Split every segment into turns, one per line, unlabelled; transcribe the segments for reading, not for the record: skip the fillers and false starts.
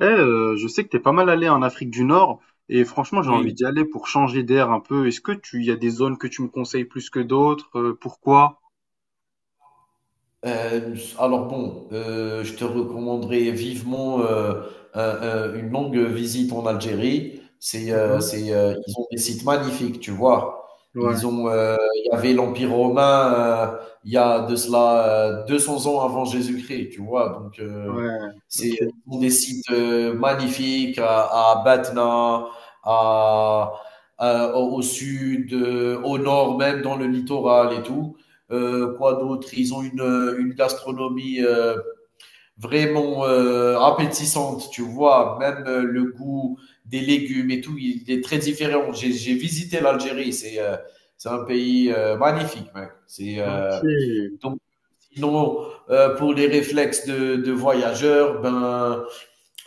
Je sais que t'es pas mal allé en Afrique du Nord et franchement j'ai envie
Oui,
d'y aller pour changer d'air un peu. Est-ce que tu y a des zones que tu me conseilles plus que d'autres? Pourquoi?
alors bon, je te recommanderais vivement, un un une longue visite en Algérie.
Mhm.
Ils ont des sites magnifiques, tu vois?
Ouais,
Il y avait l'Empire romain, il y a de cela, 200 ans avant Jésus-Christ, tu vois? Donc,
ouais,
c'est
ok,
ils ont des sites, magnifiques à Batna, à à au au sud, au nord, même dans le littoral et tout. Quoi d'autre? Ils ont une gastronomie vraiment appétissante, tu vois. Même le goût des légumes et tout, il est très différent. J'ai visité l'Algérie, c'est un pays magnifique, mec. C'est
ok.
Donc sinon pour les réflexes de voyageurs, ben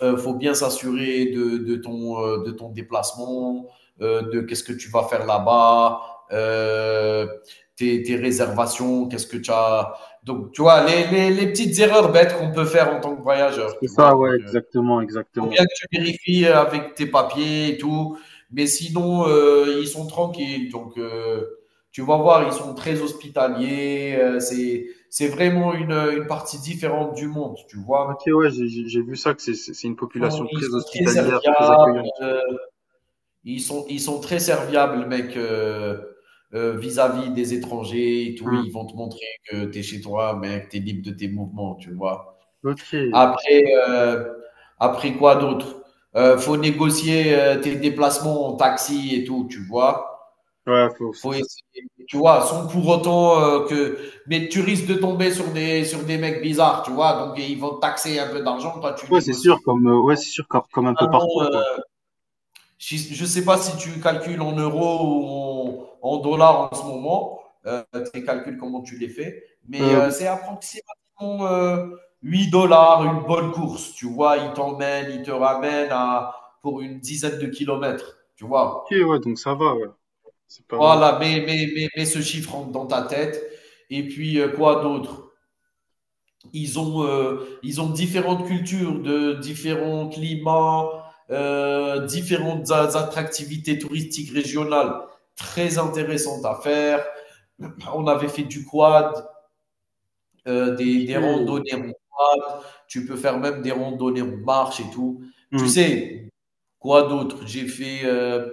faut bien s'assurer de ton déplacement, de qu'est-ce que tu vas faire là-bas, euh, tes réservations, qu'est-ce que tu as. Donc, tu vois, les petites erreurs bêtes qu'on peut faire en tant que voyageur,
C'est
tu vois.
ça, ouais,
Donc,
exactement,
faut
exactement.
bien que tu vérifies avec tes papiers et tout. Mais sinon, ils sont tranquilles. Donc, tu vas voir, ils sont très hospitaliers. C'est vraiment une partie différente du monde, tu
Ok,
vois.
ouais, j'ai vu ça que c'est une
Ils sont,
population
ils
très
sont très
hospitalière, très
serviables.
accueillante.
Ils sont très serviables, mec, vis-à-vis des étrangers et tout.
Hmm.
Ils vont te montrer que tu es chez toi, mec, tu es libre de tes mouvements, tu vois.
Ok.
Après, quoi d'autre? Faut négocier tes déplacements en taxi et tout, tu vois.
Ouais,
Faut essayer, tu vois, sans pour autant que. Mais tu risques de tomber sur des mecs bizarres, tu vois. Donc, ils vont te taxer un peu d'argent, toi, tu
ouais, c'est sûr,
négocies.
comme ouais, c'est sûr comme, comme un peu partout
Finalement,
quoi.
je ne sais pas si tu calcules en euros ou en dollars en ce moment, euh, tes calculs, comment tu les fais, mais
Euh,
c'est approximativement 8 dollars une bonne course. Tu vois, il t'emmène, il te ramène à, pour une dizaine de kilomètres. Tu
ok,
vois,
ouais, donc ça va, ouais. C'est pas.
voilà, mais ce chiffre dans ta tête. Et puis, quoi d'autre? Ils ont différentes cultures, de différents climats, différentes attractivités touristiques régionales très intéressantes à faire. On avait fait du quad, euh, des,
Ok.
des randonnées en quad. Tu peux faire même des randonnées en marche et tout. Tu
Hmm.
sais, quoi d'autre? J'ai fait euh,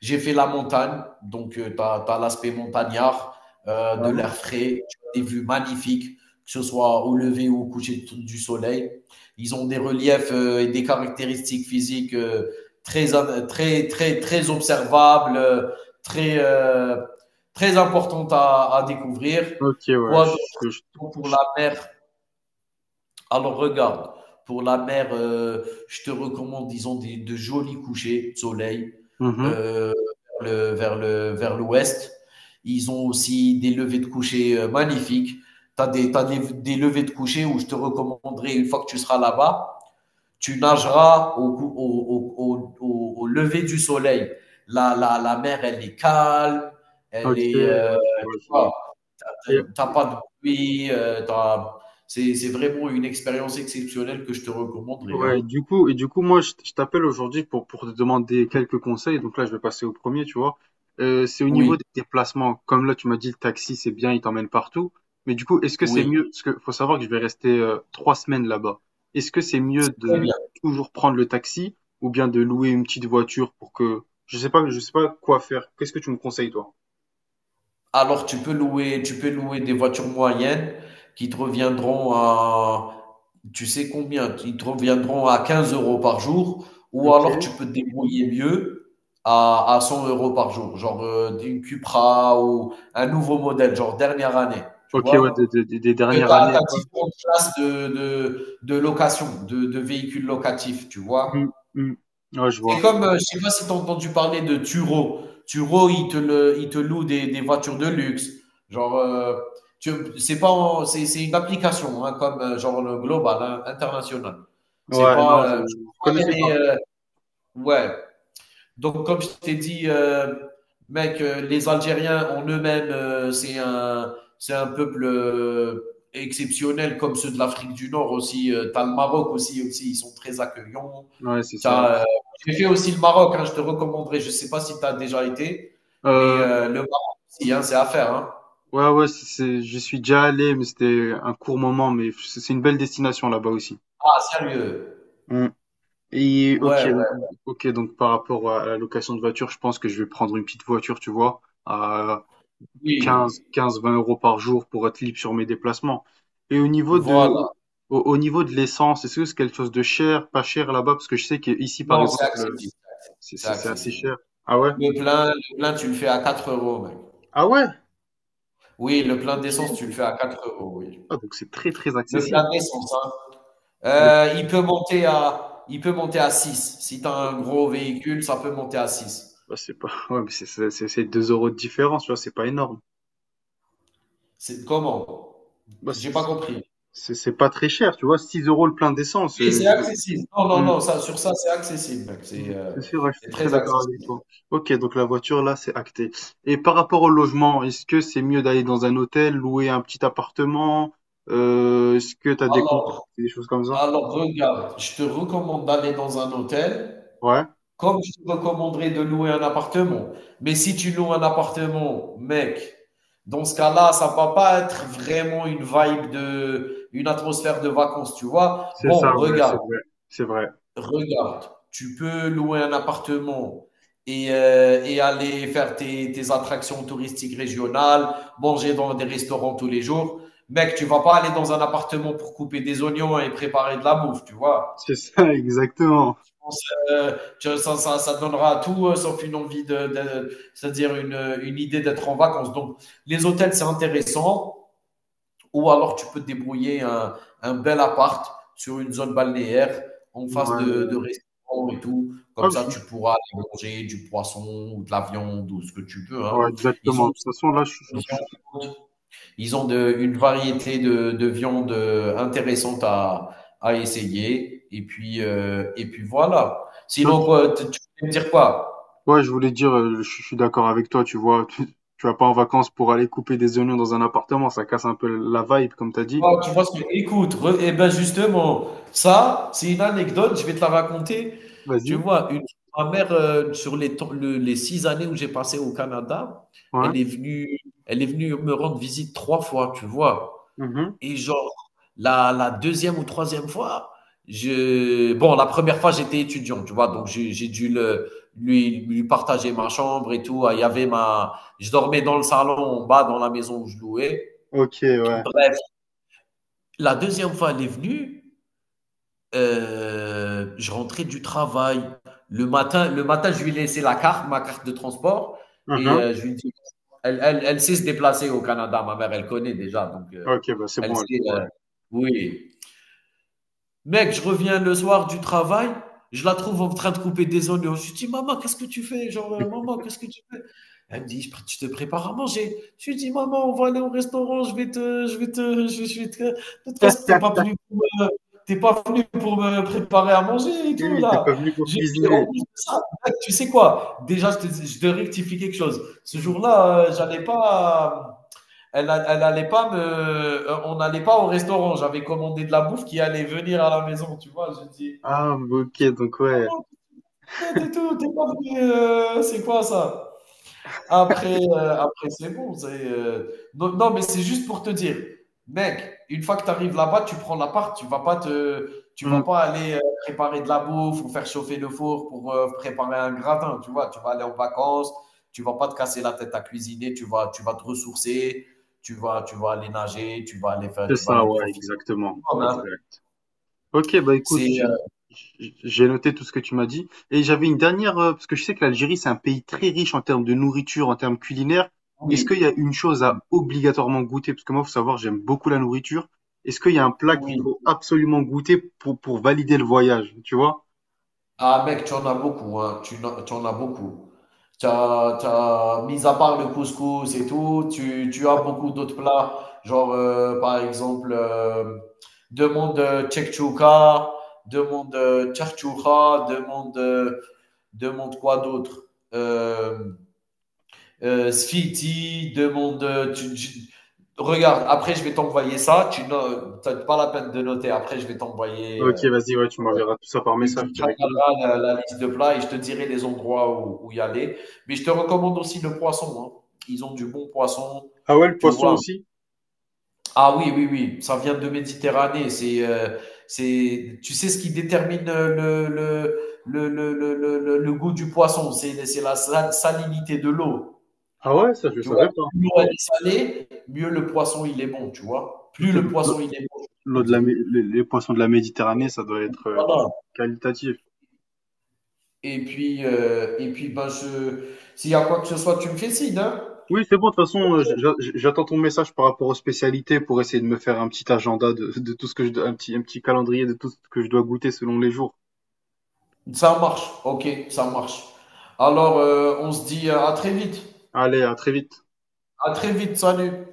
j'ai fait la montagne, donc tu as l'aspect montagnard, de l'air
Ouais.
frais, des vues magnifiques, que ce soit au lever ou au coucher du soleil. Ils ont des reliefs et des caractéristiques physiques très, très observables, très, euh, très importantes à découvrir.
OK, ouais,
Quoi
je- je-
d'autre pour la
je-
mer? Alors regarde, pour la mer, je te recommande, disons, de jolis couchers de soleil
mhm.
euh, vers l'ouest. Ils ont aussi des levées de coucher magnifiques. T'as des levées de coucher où je te recommanderais, une fois que tu seras là-bas, tu nageras au, cou- au, au, au, au- au lever du soleil. La mer, elle est calme, elle
OK,
est,
ouais, je vois, je
voilà.
vois. Et
T'as pas de bruit, tu c'est vraiment une expérience exceptionnelle que je te recommanderais, hein.
ouais, du coup, et du coup, moi, je t'appelle aujourd'hui pour te demander quelques conseils. Donc là, je vais passer au premier, tu vois. C'est au niveau
Oui,
des déplacements. Comme là, tu m'as dit, le taxi, c'est bien, il t'emmène partout. Mais du coup, est-ce que c'est
oui,
mieux, parce que faut savoir que je vais rester 3 semaines là-bas. Est-ce que c'est mieux
c'est très
de
bien.
toujours prendre le taxi ou bien de louer une petite voiture pour que, je sais pas quoi faire. Qu'est-ce que tu me conseilles, toi?
Alors tu peux louer des voitures moyennes qui te reviendront à, tu sais combien? Qui te reviendront à 15 euros par jour, ou alors
Ok.
tu peux te débrouiller mieux à 100 euros par jour, genre, une Cupra ou un nouveau modèle, genre dernière année, tu
Ok, ouais,
vois?
des, des
tu
dernières
as,
années.
as
Ouais.
différentes classes de location, de véhicules locatifs, tu
Mmh,
vois.
mmh. Ouais, je
C'est
vois.
comme, je sais pas si tu as entendu parler de Turo. Turo, il te loue des voitures de luxe. Genre, tu, c'est pas, en- c'est une application, hein, comme genre le global, hein, international. C'est
Ouais, non,
pas, Je crois
je
pas
connaissais
qu'il y a
pas.
des, ouais, donc, comme je t'ai dit, mec, les Algériens en eux-mêmes, c'est un peuple exceptionnel, comme ceux de l'Afrique du Nord aussi. T'as le Maroc aussi, ils sont très accueillants.
Ouais, c'est ça.
T'as, euh, j'ai fait aussi le Maroc, hein, je te recommanderais. Je ne sais pas si tu as déjà été, mais
Euh,
le Maroc aussi, hein, c'est à faire. Hein.
ouais, ouais, j'y suis déjà allé, mais c'était un court moment, mais c'est une belle destination là-bas aussi.
Ah, sérieux?
Mmh. Et
Ouais, ouais,
ok, donc par rapport à la location de voiture, je pense que je vais prendre une petite voiture, tu vois, à quinze
oui.
quinze 20 euros par jour pour être libre sur mes déplacements. Et au niveau de, au,
Voilà.
au niveau de l'essence, est-ce que c'est quelque chose de cher, pas cher là-bas? Parce que je sais qu'ici, par
Non, c'est
exemple,
accessible. C'est
c'est assez
accessible.
cher. Ah ouais?
Le plein, tu le fais à 4 euros, mec.
Ah ouais?
Oui, le plein d'essence, tu
Ok.
le fais à 4 euros, oui.
Ah, donc c'est très très
Le
accessible.
plein d'essence, hein.
Le...
Il peut monter à 6. Si tu as un gros véhicule, ça peut monter à six.
Bah, c'est pas... ouais, mais c'est 2 euros de différence, tu vois, c'est pas énorme.
C'est comment?
Bah,
J'ai pas compris.
c'est pas très cher, tu vois, 6 euros le plein d'essence.
Oui, c'est
Je...
accessible. Non, non,
Hmm,
non, ça, sur ça, c'est accessible, mec. C'est
hmm,
euh,
c'est sûr, ouais, je
c'est
suis tout à fait
très
d'accord avec
accessible.
toi. Ok, donc la voiture, là, c'est acté. Et par rapport au logement, est-ce que c'est mieux d'aller dans un hôtel, louer un petit appartement? Est-ce que t'as des comptes,
Alors,
des choses comme ça?
alors, regarde, je te recommande d'aller dans un hôtel.
Ouais,
Comme je te recommanderais de louer un appartement. Mais si tu loues un appartement, mec, dans ce cas-là, ça ne va pas être vraiment une vibe de, une atmosphère de vacances, tu vois.
c'est
Bon,
ça, ouais, c'est
regarde,
vrai. C'est vrai.
regarde. Tu peux louer un appartement et aller faire tes attractions touristiques régionales, manger dans des restaurants tous les jours. Mec, tu ne vas pas aller dans un appartement pour couper des oignons et préparer de la bouffe, tu vois.
C'est ça, exactement.
Euh, ça, ça- ça donnera à tout sauf une envie c'est-à-dire une idée d'être en vacances. Donc, les hôtels, c'est intéressant. Ou alors, tu peux te débrouiller un bel appart sur une zone balnéaire en face de
Ouais.
restaurants et tout.
Ah,
Comme
je
ça, tu
suis-
pourras aller manger du poisson ou de la viande ou ce que tu veux, hein.
ouais,
Ils ont
exactement. De toute
aussi
façon, là, je
de la viande, ils ont une variété de viande intéressante à essayer. Et puis, et puis voilà. Sinon,
Ok.
quoi, tu peux me dire quoi?
Ouais, je voulais dire, je suis d'accord avec toi, tu vois, tu vas pas en vacances pour aller couper des oignons dans un appartement, ça casse un peu la vibe, comme t'as
Tu
dit.
vois, écoute, eh ben justement, ça, c'est une anecdote, je vais te la raconter. Tu
Vas-y.
vois, ma mère, sur les 6 années où j'ai passé au Canada,
Ouais.
elle est venue, elle est venue me rendre visite trois fois, tu vois.
Mhm.
Et genre, la 2e ou troisième fois, la première fois, j'étais étudiant, tu vois? Donc j'ai dû le lui lui partager ma chambre et tout. Ah, il y avait ma je dormais dans le salon, en bas, dans la maison où je louais.
Ok, ouais.
Bref, la deuxième fois, elle est venue, je rentrais du travail. Le matin, je lui ai laissé la carte, ma carte de transport et
Mhm.
je lui ai dit elle sait se déplacer au Canada, ma mère, elle connaît déjà, donc
Ok, bah c'est
elle
bon alors.
sait, oui. Mec, je reviens le soir du travail, je la trouve en train de couper des oignons. Je lui dis: «Maman, qu'est-ce que tu fais?» Genre : «Maman, qu'est-ce que tu fais?» Elle me dit: «Je te prépares à manger.» Je lui dis: «Maman, on va aller au restaurant, je vais te je vais te de toute façon, tu pas venu pour me préparer à manger et
Oui,
tout
oui, t'es
là.»
pas venu pour
J'ai Et
cuisiner.
en plus de ça, mec, tu sais quoi? Déjà, je te dis je dois rectifier quelque chose. Ce
Hmm.
jour-là, j'allais pas, elle, elle allait pas me, on n'allait pas au restaurant. J'avais commandé de la bouffe qui allait venir à la maison, tu vois. Je dis,
Ah, ok,
je suis
donc ouais.
pas et tout, t'es pas venu, c'est quoi ça? Après, après c'est bon, non, non, mais c'est juste pour te dire, mec, une fois que tu arrives là-bas, tu prends la part. tu vas pas te tu
Hmm,
vas pas aller, préparer de la bouffe ou faire chauffer le four pour, préparer un gratin, tu vois? Tu vas aller en vacances, tu vas pas te casser la tête à cuisiner, tu vas te ressourcer, tu vas aller nager,
c'est
tu vas
ça,
aller
ouais,
profiter au
exactement.
maximum, hein.
Exact. Ok, bah écoute,
C'est, heu
j'ai noté tout ce que tu m'as dit. Et j'avais une dernière, parce que je sais que l'Algérie, c'est un pays très riche en termes de nourriture, en termes culinaires. Est-ce
oui,
qu'il y a une chose
oui,
à obligatoirement goûter? Parce que moi, faut savoir, j'aime beaucoup la nourriture. Est-ce qu'il y a un plat qu'il
oui.
faut absolument goûter pour valider le voyage, tu vois?
Ah mec, tu en as beaucoup, hein. Tu en as beaucoup. Mis à part le couscous et tout, tu as beaucoup d'autres plats. Genre, par exemple, demande tchekchouka, demande tchartchouka, demande, demande quoi d'autre? Euh, Sfiti, demande, regarde, après je vais t'envoyer ça. Tu n'as T'as pas la peine de noter. Après je vais t'envoyer,
Ok, vas-y, ouais, tu m'enverras tout ça par message
tu
directement.
travailleras la liste de plats et je te dirai les endroits où y aller. Mais je te recommande aussi le poisson, hein. Ils ont du bon poisson,
Ah ouais, le
tu
poisson
vois.
aussi?
Ah oui, oui, oui, ça vient de Méditerranée. Tu sais ce qui détermine le goût du poisson, c'est la salinité de l'eau.
Ah ouais, ça, je le
Tu vois,
savais pas.
plus l'eau elle est salée, mieux le poisson il est bon, tu vois. Plus
Ok,
le
donc l'eau
poisson il est bon, je
l'eau
veux
de la,
dire.
Mé- les poissons de la Méditerranée, ça doit
Donc,
être du-
voilà.
qualitatif.
Et puis, et puis ben, s'il y a quoi que ce soit, tu me fais signe, hein.
Oui, c'est bon. De toute façon, j'attends ton message par rapport aux spécialités pour essayer de me faire un petit agenda de tout ce que je, dois- un petit calendrier de tout ce que je dois goûter selon les jours.
Ça marche. Ok, ça marche. Alors, on se dit à très vite.
Allez, à très vite.
À très vite. Salut.